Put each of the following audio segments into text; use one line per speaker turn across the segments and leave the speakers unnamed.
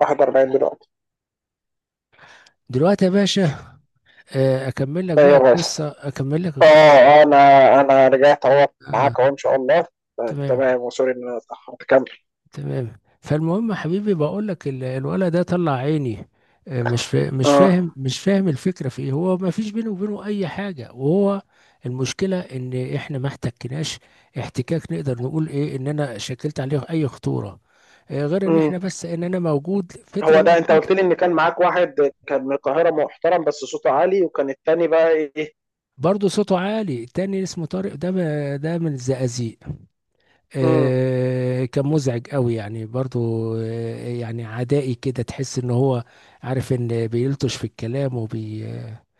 41 دلوقتي.
دلوقتي يا باشا. اكمل لك بقى
ايوه بس.
القصه، اكمل لك القصه
اه انا انا رجعت اهو
آه
معاك اهو ان شاء الله.
تمام
تمام، وسوري ان انا اتاخرت، كمل.
تمام. فالمهم يا حبيبي، بقول لك الولد ده طلع عيني. مش فاهم،
اه.
مش فاهم الفكره في ايه. هو ما فيش بينه وبينه اي حاجه، وهو المشكله ان احنا ما احتكناش احتكاك نقدر نقول ايه ان انا شكلت عليه اي خطوره، غير ان
امم.
احنا، بس ان انا موجود فتره
هو ده انت
مؤقته.
قلت لي ان كان معاك واحد كان من القاهره محترم بس صوته عالي، وكان التاني بقى ايه؟
برضه صوته عالي، التاني اسمه طارق ده، ده من الزقازيق.
امم.
كان مزعج قوي يعني، برضو يعني عدائي كده، تحس ان هو عارف ان بيلطش في الكلام وبي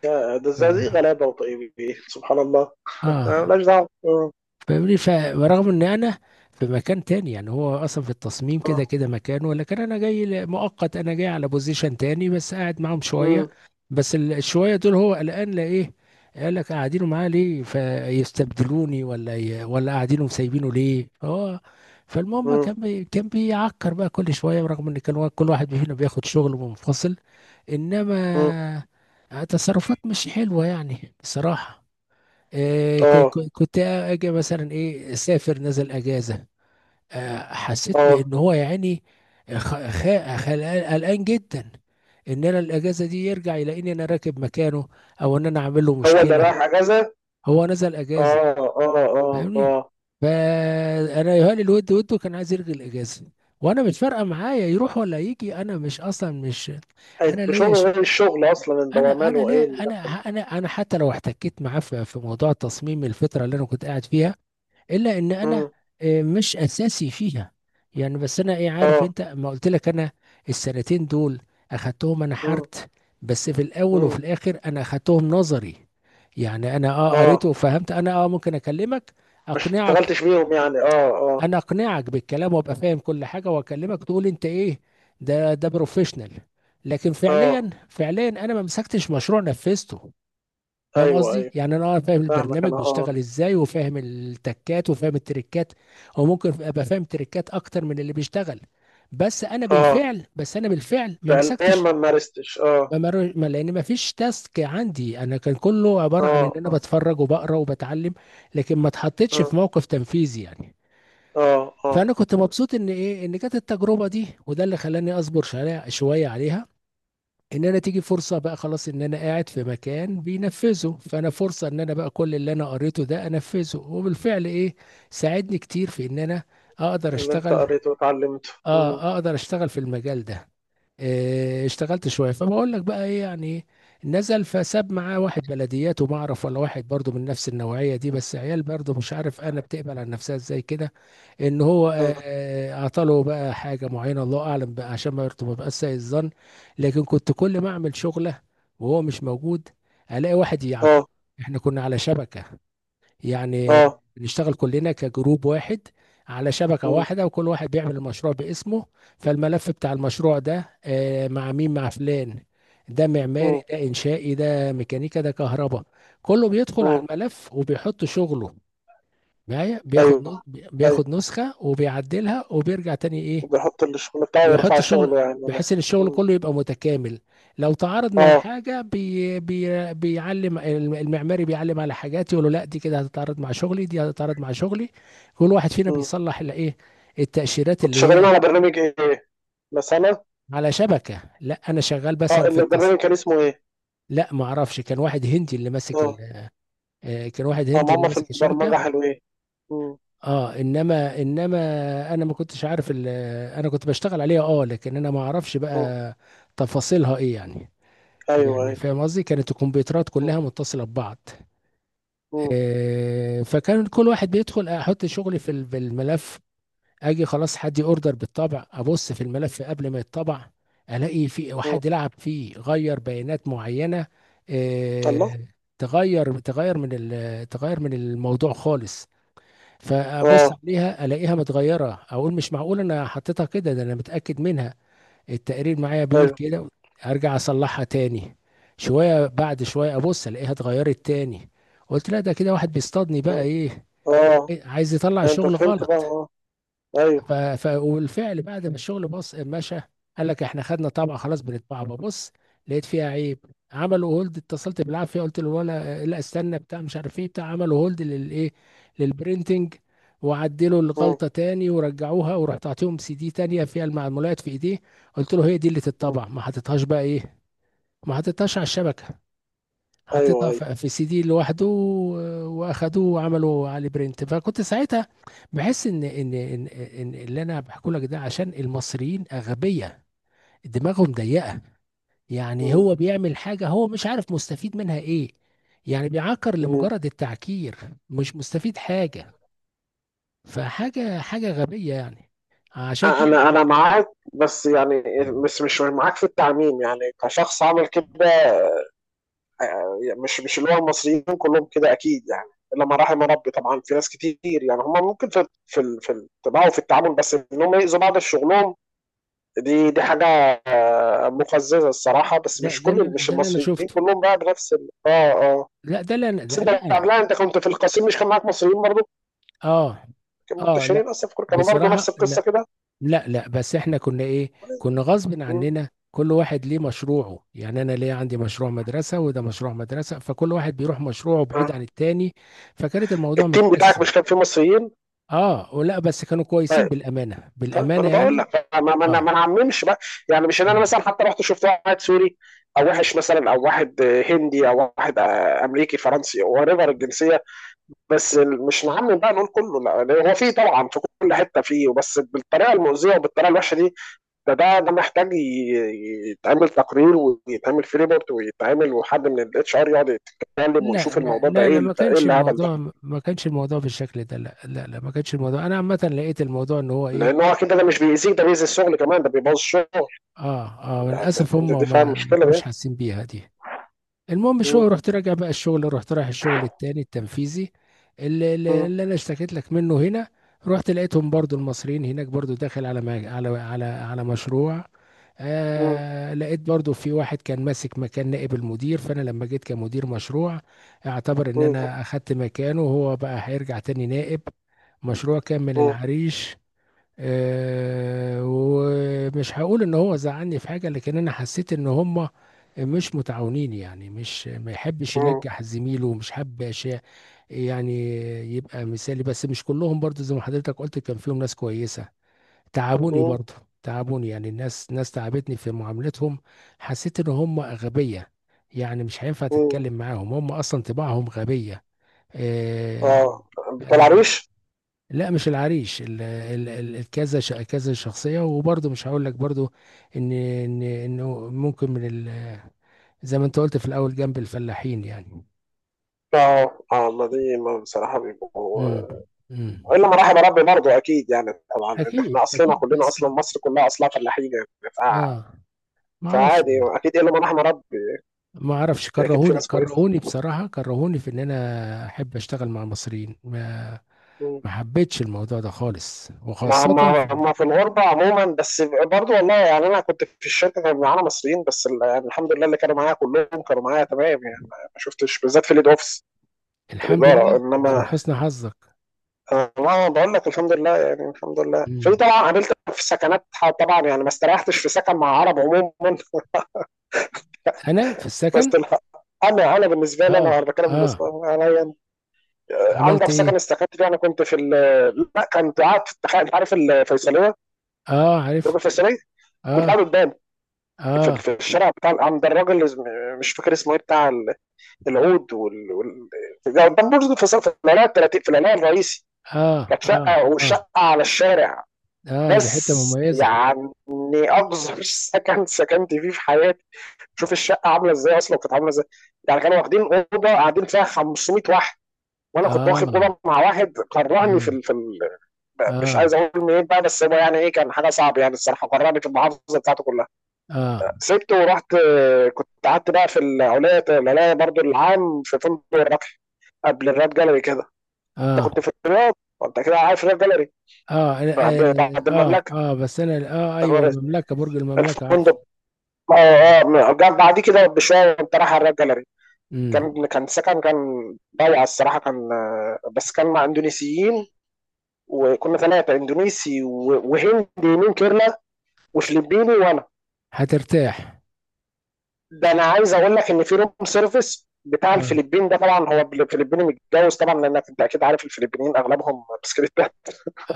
ده الزقازيق
اه
غلابه وطيب، سبحان الله
آه.
مالناش دعوه. آه،
فاهمني. ورغم ان انا في مكان تاني، يعني هو اصلا في التصميم كده
آه،
كده مكانه، لكن انا جاي مؤقت، انا جاي على بوزيشن تاني، بس قاعد معاهم شويه.
مم،
بس الشويه دول هو قلقان لايه. قال لك قاعدينه معاه ليه فيستبدلوني، ولا قاعدينه مسايبينه ليه. اه فالمهم
مم،
كان كان بيعكر بقى كل شويه، برغم ان كان كل واحد فينا بياخد شغل منفصل،
مم.
انما تصرفات مش حلوه يعني بصراحه.
اه
كنت اجي مثلا ايه، سافر، نزل اجازه. حسيت
اه.
بان هو يعني قلقان جدا ان انا الاجازه دي يرجع يلاقيني انا راكب مكانه، او ان انا عامل له
هو اللي
مشكله.
رايح اجازه؟
هو نزل اجازه،
اه اه اه
فاهمني،
اه.
فانا يهالي الود، وده كان عايز يلغي الاجازه، وانا مش فارقه معايا يروح ولا يجي، انا مش اصلا مش. انا
انت
ليا
شغل
ش...
غير الشغل اصلا، انت هو
انا
ماله
ليه
ايه اللي
انا،
دخل؟
انا حتى لو احتكيت معاه في في موضوع تصميم الفتره اللي انا كنت قاعد فيها، الا ان انا
مم،
مش اساسي فيها. يعني بس انا ايه، عارف
اه،
انت ما قلت لك انا السنتين دول اخدتهم انا
مم.
حرت، بس في الاول وفي
مم.
الاخر انا اخدتهم نظري. يعني انا اه
اه،
قريت وفهمت، انا اه ممكن اكلمك،
ما
اقنعك،
اشتغلتش بيهم يعني، اه اه
انا اقنعك بالكلام وابقى فاهم كل حاجه، واكلمك تقول انت ايه. ده ده بروفيشنال، لكن
اه.
فعليا فعليا انا ما مسكتش مشروع نفذته. فاهم
ايوه
قصدي؟
ايوه،
يعني انا اه فاهم
فاهمك
البرنامج
انا، اه.
بيشتغل ازاي، وفاهم التكات، وفاهم التريكات، او ممكن ابقى فاهم تريكات اكتر من اللي بيشتغل. بس انا
اه،
بالفعل، بس انا بالفعل ما
فعليا
مسكتش.
ما مارستش، اه
ما مر- ما- لان ما فيش تاسك عندي، انا كان كله عباره عن ان
اه.
انا
اه
بتفرج وبقرا وبتعلم، لكن ما اتحطيتش
اه
في موقف تنفيذي يعني.
اه اه.
فانا كنت مبسوط ان ايه، ان جت التجربه دي، وده اللي خلاني اصبر شويه شويه عليها. ان انا تيجي فرصه بقى خلاص، ان انا قاعد في مكان بينفذه، فانا فرصه ان انا بقى كل اللي انا قريته ده انفذه، وبالفعل ايه، ساعدني كتير في ان انا اقدر
اللي انت
اشتغل.
قريته وتعلمته، اه
اه اقدر اشتغل في المجال ده. اشتغلت شويه. فبقول لك بقى ايه يعني نزل فساب معاه واحد بلديات، وما اعرف، ولا واحد برضه من نفس النوعيه دي، بس عيال برضه مش عارف انا بتقبل على نفسها ازاي كده. ان هو اعطاله بقى حاجه معينه، الله اعلم بقى، عشان ما يبقاش سيء الظن. لكن كنت كل ما اعمل شغله وهو مش موجود، الاقي واحد يعاقب.
اه
احنا كنا على شبكه، يعني
اه.
نشتغل كلنا كجروب واحد، على شبكة
مم.
واحدة، وكل واحد بيعمل المشروع باسمه. فالملف بتاع المشروع ده مع مين؟ مع فلان، ده معماري،
مم.
ده إنشائي، ده ميكانيكا، ده كهرباء. كله بيدخل على
مم.
الملف وبيحط شغله. معايا
ايوه ايوه.
بياخد نسخة وبيعدلها وبيرجع تاني ايه،
وبيحط الشغل بتاعه
يحط
ويرفع
شغل،
شغله يعني ولا؟
بحيث ان الشغل
مم.
كله يبقى متكامل. لو تعارض مع
اه.
حاجه بي بي بيعلم المعماري، بيعلم على حاجات يقول له لا، دي كده هتتعارض مع شغلي، دي هتتعارض مع شغلي. كل واحد فينا
مم.
بيصلح اللي ايه، التأشيرات
كنت
اللي
شغالين
هي.
على برنامج ايه؟ بس انا
على شبكه، لا انا شغال
اه،
مثلا في التص.
البرنامج كان اسمه ايه؟
لا ما اعرفش، كان واحد هندي اللي ماسك
اه
كان واحد
اه.
هندي اللي
ماما في
ماسك
البرمجة
الشبكه.
حلوين. مم.
اه انما انما انا ما كنتش عارف انا كنت بشتغل عليها اه، لكن انا ما اعرفش
مم.
بقى تفاصيلها ايه يعني.
ايوه
يعني
ايوه.
فاهم قصدي، كانت الكمبيوترات كلها متصلة ببعض.
مم.
فكان كل واحد بيدخل، احط شغلي في في الملف. اجي خلاص، حد اوردر بالطبع، ابص في الملف قبل ما يتطبع، الاقي في
مم.
واحد لعب فيه، غير بيانات معينة.
الله.
آه، تغير من تغير من الموضوع خالص. فابص
اه
عليها الاقيها متغيرة، اقول مش معقول انا حطيتها كده، ده انا متأكد منها، التقرير معايا بيقول
ايوه
كده. ارجع اصلحها تاني. شويه بعد شويه ابص الاقيها اتغيرت تاني. قلت لا، ده كده واحد بيصطادني بقى
اه.
ايه.
آه.
عايز يطلع
لا، انت
الشغل
فهمت بقى،
غلط.
اه. ايوه.
والفعل بعد ما الشغل بص مشى، قال لك احنا خدنا طبعه خلاص، بنطبعها. ببص لقيت فيها عيب. عملوا هولد، اتصلت بالعافيه قلت له ولا لا استنى بتاع مش عارف ايه، بتاع عملوا هولد للايه، للبرينتنج، وعدلوا
مم.
الغلطه تاني ورجعوها. ورحت اعطيهم سي دي تانيه فيها المعلومات في ايديه. قلت له هي دي اللي
مم.
تتطبع، ما حطيتهاش بقى ايه، ما حطيتهاش على الشبكه،
ايوه
حطيتها
ايوه.
في سي دي لوحده، واخدوه وعملوا عليه برنت. فكنت ساعتها بحس إن اللي انا بحكي لك ده، عشان المصريين اغبياء، دماغهم ضيقه. يعني
مم.
هو بيعمل حاجه، هو مش عارف مستفيد منها ايه. يعني بيعكر
مم.
لمجرد التعكير، مش مستفيد حاجه، فحاجه حاجه غبيه يعني. عشان كده
انا معاك، بس يعني مش معاك في التعميم يعني كشخص عمل كده، مش اللي هو المصريين كلهم كده اكيد يعني. الا ما رحم ربي طبعا، في ناس كتير يعني هم ممكن في في الطباع وفي التعامل، بس ان هم يأذوا بعض في شغلهم، دي حاجه مقززه الصراحه. بس مش كل مش
ده اللي انا
المصريين
شفته.
كلهم بقى بنفس اه، آه.
لا ده اللي انا،
بس
ده لا
انت
انا
قبلها، انت كنت في القصيم، مش كان معاك مصريين برضه؟
اه
كانوا
اه. لا
منتشرين اصلا في كوريا، كانوا برضه نفس
بصراحه لا.
القصه كده.
لا بس احنا كنا ايه، كنا غصب
مم.
عننا كل واحد ليه مشروعه، يعني انا ليه عندي مشروع مدرسة، وده مشروع مدرسة، فكل واحد بيروح مشروعه بعيد عن
آه.
التاني. فكانت الموضوع
التيم بتاعك
متقسم.
مش كان فيه مصريين؟
اه ولا، بس كانوا كويسين بالأمانة،
طيب، ما
بالأمانة
انا بقول
يعني.
لك ما
اه
نعممش بقى. يعني مش ان انا
اه.
مثلا حتى رحت شفت واحد سوري او وحش مثلا، او واحد هندي، او واحد امريكي، فرنسي، او ريفر الجنسيه. بس مش نعمم بقى نقول كله. لا، هو في طبعا في كل حته فيه، بس بالطريقه المؤذيه وبالطريقه الوحشه دي، ده ده محتاج يتعمل تقرير ويتعمل في ريبورت، ويتعمل وحد من الاتش ار يقعد يتكلم
لا
ويشوف
لا
الموضوع ده
لا لا
ايه،
ما
ده ايه
كانش
الهبل ده؟
الموضوع، ما كانش الموضوع بالشكل ده. لا ما كانش الموضوع، انا عامة لقيت الموضوع ان هو ايه.
لان هو كده ده مش بيأذيك، ده بيأذي الشغل كمان، ده بيبوظ الشغل.
اه اه
ده
للاسف هم
ده، دي فاهم
ما ما
مشكلة ده.
كانوش حاسين بيها دي. المهم شو
م-
رحت راجع بقى الشغل، رحت رايح الشغل التاني التنفيذي اللي, اللي
م-
اللي انا اشتكيت لك منه هنا. رحت لقيتهم برضو المصريين هناك برضو داخل على ما على على على مشروع.
م-
آه لقيت برضو في واحد كان ماسك مكان نائب المدير، فانا لما جيت كمدير مشروع، اعتبر ان
م-
انا اخدت مكانه، وهو بقى هيرجع تاني نائب مشروع. كان من
م-
العريش. ومش هقول ان هو زعلني في حاجه، لكن انا حسيت ان هم مش متعاونين. يعني مش، ما يحبش
م-
ينجح زميله، ومش حابب أشياء- يعني يبقى مثالي. بس مش كلهم برضو، زي ما حضرتك قلت كان فيهم ناس كويسه. تعبوني
م-
برضو. تعبوني يعني، الناس ناس تعبتني في معاملتهم. حسيت ان هم غبيه، يعني مش هينفع
م.
تتكلم معاهم، هم اصلا طباعهم غبيه. آه،
اه، بتاع
آه،
العريش.
لا مش العريش، الكذا، كذا شخصيه. وبرضه مش هقول لك برضه ان ان انه ممكن من زي ما انت قلت في الاول، جنب الفلاحين يعني.
اه اه، ما دي ما بصراحة بيبقوا،
امم امم
الا ما رحم ربي برضه اكيد، يعني طبعا إن
اكيد
احنا اصلنا
اكيد،
كلنا
بس
اصلا مصر كلها اصلا فلاحين يعني، ف-
اه ما اعرفش
فعادي
والله.
اكيد الا ما رحم ربي.
ما اعرفش،
في اكيد في
كرهوني،
ناس كويسه.
كرهوني بصراحه، كرهوني في ان انا احب اشتغل مع مصريين ما.
مم.
ما حبيتش الموضوع ده خالص،
ما
وخاصه
ما ما في الغربة عموما، بس برضو والله يعني أنا كنت في الشركة كان معانا مصريين، بس يعني الحمد لله اللي كانوا معايا كلهم كانوا معايا تمام، يعني ما شفتش، بالذات في الإيد أوفيس،
في
في
الحمد
الإدارة.
لله، ده من
إنما
حسن حظك.
أنا ما بقول لك الحمد لله يعني، الحمد لله، في
امم
طبعا قابلت في سكنات، طبعا يعني ما استريحتش في سكن مع عرب عموما
انا في
بس
السكن.
أنا بالنسبة لي
اه
أنا بتكلم، بس
اه.
أنا يعني، آه،
عملت
عندي في سكن
ايه؟
استكنت فيه، أنا كنت في لا، كنت قاعد في التخيل، عارف الفيصلية،
اه
برج
عارف.
الفيصلية. كنت
اه
قاعد قدام، في
اه
في الشارع بتاع عند الراجل اللي مش فاكر اسمه ايه، بتاع العود ده قدام برج الفيصل في العلاقه 30، في العلاقه الرئيسي.
اه
كانت
اه
شقه،
اه
وشقه على الشارع،
اه، دي حتة
بس
مميزة.
يعني اقذر سكن سكنت فيه في حياتي. شوف الشقه عامله ازاي، اصلا كانت عامله ازاي. يعني كانوا واخدين اوضه قاعدين فيها 500 واحد، وانا كنت واخد
اه
اوضه مع واحد قرعني في
اه
ال... في ال... مش
اه
عايز اقول منين بقى، بس هو يعني ايه، كان حاجه صعبه يعني الصراحه، قرعني في المحافظه بتاعته كلها.
اه
سبته ورحت، آه، كنت قعدت بقى في العليا، العليا برضو، العام، في فندق الربح، قبل الراب جاليري كده. انت
اه
كنت في الرياض وانت كده عارف الراب جاليري،
اه
بعد
أنا- اه اه
المملكه
بس انا اه، ايوه، المملكة، برج المملكة عارفه.
الفندق. اه اه، جنب بعديه كده بشويه وانت رايح على الراب جاليري.
امم
كان سكن، كان ضايع الصراحه، كان آه، بس كان مع اندونيسيين، وكنا ثلاثه، اندونيسي وهندي من كيرلا، وفلبيني، وانا.
هترتاح.
ده انا عايز اقول لك ان في روم سيرفيس بتاع
اه
الفلبين ده، طبعا هو الفلبيني متجوز طبعا، لانك انت اكيد عارف الفلبينيين اغلبهم بسكريت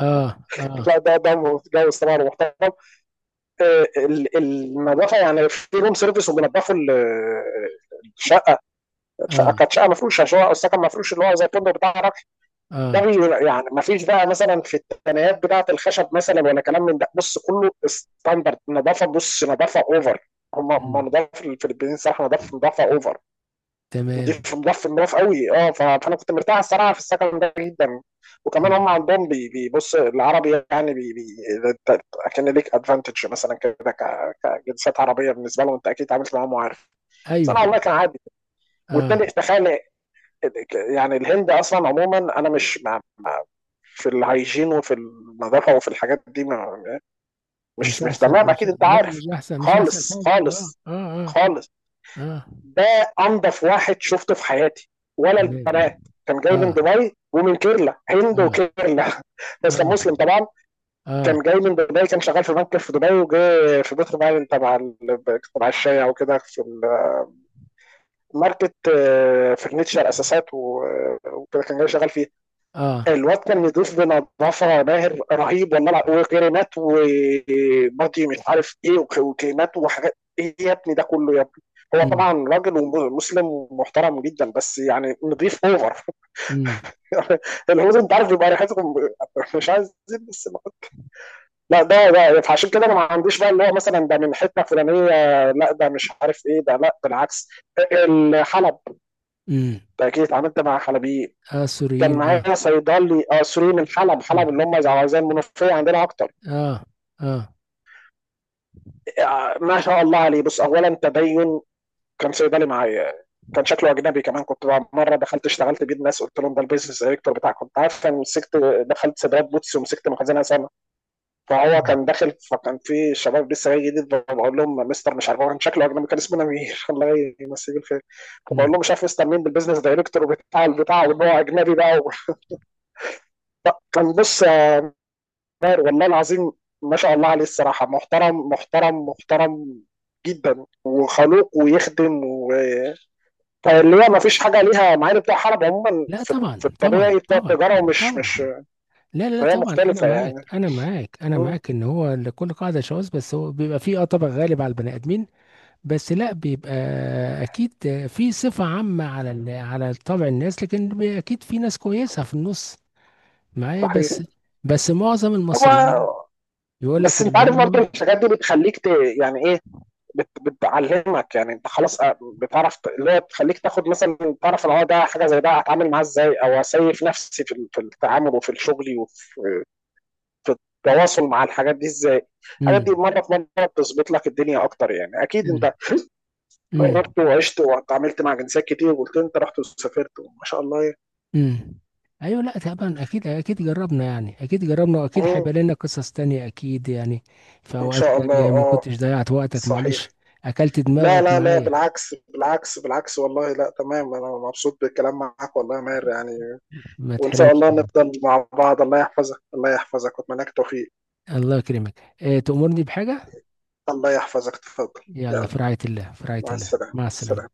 اه اه
لا، ده متجوز طبعا ومحترم، آه، النظافه يعني في روم سيرفيس، وبينضفوا الشقه. الشقه
اه
كانت شقه مفروشه، شقه او سكن مفروش، اللي هو زي الفندق بتاع الرقم ده.
اه.
يعني ما فيش بقى مثلا في التنايات بتاعه الخشب مثلا، ولا كلام من ده. بص، كله ستاندرد نظافه، بص، نظافه اوفر. هم
امم
هم نظافه الفلبينيين صراحه، نظافه، نظافه اوفر،
تمام.
نضيف، مضاف قوي. اه، فانا كنت مرتاح الصراحه في السكن ده جدا. وكمان هم
آه.
عندهم بيبص العربي، يعني بي بي ده-، كان ليك ادفانتج مثلا كده، كجنسيات عربيه بالنسبه لهم، انت اكيد اتعاملت معاهم وعارف. بس انا
ايوه.
والله كان عادي.
اه.
والتاني، تخيل، يعني الهند اصلا عموما، انا مش في الهيجين وفي النظافه وفي الحاجات دي، ما-،
مش
مش
احسن،
تمام،
مش،
اكيد انت
لا
عارف.
مش احسن، مش احسن
خالص
حاجة. اه
خالص
اه اه
خالص.
اه.
ده انضف واحد شفته في حياتي، ولا
تمام.
البنات. كان جاي من
اه
دبي ومن كيرلا، هند
اه
وكيرلا بس كان
اه
مسلم طبعا.
اه.
كان جاي من دبي، كان شغال في بنك في دبي، وجاي في بيتر باين تبع تبع الشاي او كده، في الماركت، آه، فرنتشر، اساسات، آه، وكده كان جاي شغال فيه.
آه.
الواد كان يضيف بنظافه، ماهر رهيب، والملعب، وكريمات، وماضي، مش عارف ايه، وكلمات وحاجات، ايه يا ابني ده كله يا ابني؟ هو
امم
طبعا راجل ومسلم ومحترم جدا، بس يعني نضيف اوفر
امم
الهنود انت عارف بيبقى ريحتهم، مش عايز زيت، بس ما-، لا، ده فعشان كده انا ما عنديش بقى اللي هو مثلا ده من حته فلانيه، لا، ده مش عارف ايه ده، لا بالعكس. الحلب
امم
ده اكيد اتعاملت مع حلبيين.
اه،
كان
السوريين اه.
معايا صيدلي، آه، سوري من حلب، حلب
امم
اللي هم زي المنوفيه عندنا اكتر.
اه اه.
آه، ما شاء الله عليه، بص، اولا تدين. كان صيدلي معايا، كان شكله اجنبي كمان. كنت بقى مره دخلت اشتغلت بيه الناس، قلت لهم ده البيزنس دايركتور بتاعك. كنت عارف انا مسكت، دخلت سباقات بوتس ومسكت مخزنها سنه. فهو
امم
كان داخل، فكان في شباب لسه جاي جديد، بقول لهم مستر مش عارف، هو كان شكله اجنبي، كان اسمه نمير الله يمسيه بالخير. فبقول
أمم.
لهم مش عارف مستر مين، بالبيزنس دايركتور بتاع البتاع، وان هو اجنبي بقى. كان بص، آه، طاهر والله العظيم، ما شاء الله عليه الصراحة، محترم محترم محترم جدا، وخلوق، ويخدم، و فاللي هي ما فيش حاجة ليها، مع ان بتوع حرب عموما
لا
في,
طبعا
في
طبعا
الطبيعي، بتوع
طبعا
التجارة، ومش
طبعا.
مش.
لا لا لا
فهي
طبعا، انا
مختلفة
معاك،
يعني.
انا معاك، انا
م،
معاك. ان هو لكل قاعده شواذ، بس هو بيبقى فيه اه طبع غالب على البني ادمين. بس لا بيبقى اكيد في صفه عامه على على طبع الناس، لكن اكيد في ناس كويسه في النص معايا بس.
صحيح.
بس معظم المصريين
هو
يقول لك
بس
ان
انت عارف برضه
هم.
الحاجات دي بتخليك ت...، يعني ايه، بتعلمك، يعني انت خلاص، بتعرف اللي هي بتخليك تاخد مثلا، تعرف ان هو ده حاجه زي ده هتعامل معاه ازاي، او اسيف نفسي في في التعامل وفي الشغل وفي في التواصل مع الحاجات دي ازاي. الحاجات دي
امم
مره في مره بتظبط لك الدنيا اكتر، يعني اكيد انت
امم
جربت وعشت واتعاملت مع جنسيات كتير، وقلت انت رحت وسافرت ما شاء الله يعني.
امم ايوه. لا طبعا اكيد اكيد جربنا يعني، اكيد جربنا، واكيد
مم.
هيبقى لنا قصص تانية اكيد يعني، في
ان
اوقات
شاء الله،
تانية ما
اه.
كنتش ضيعت وقتك معلش،
صحيح.
اكلت
لا
دماغك
لا لا
معايا.
بالعكس بالعكس، والله، لا، تمام، انا مبسوط بالكلام معاك والله يا ماهر يعني.
ما
وان شاء
تحرمش.
الله نفضل مع بعض، الله يحفظك، الله يحفظك، واتمنى لك توفيق.
الله يكرمك. إيه، تأمرني بحاجة؟
الله يحفظك، تفضل.
يلا، في
يلا،
رعاية الله، في رعاية
مع
الله،
السلامه، مع
مع السلامة.
السلامه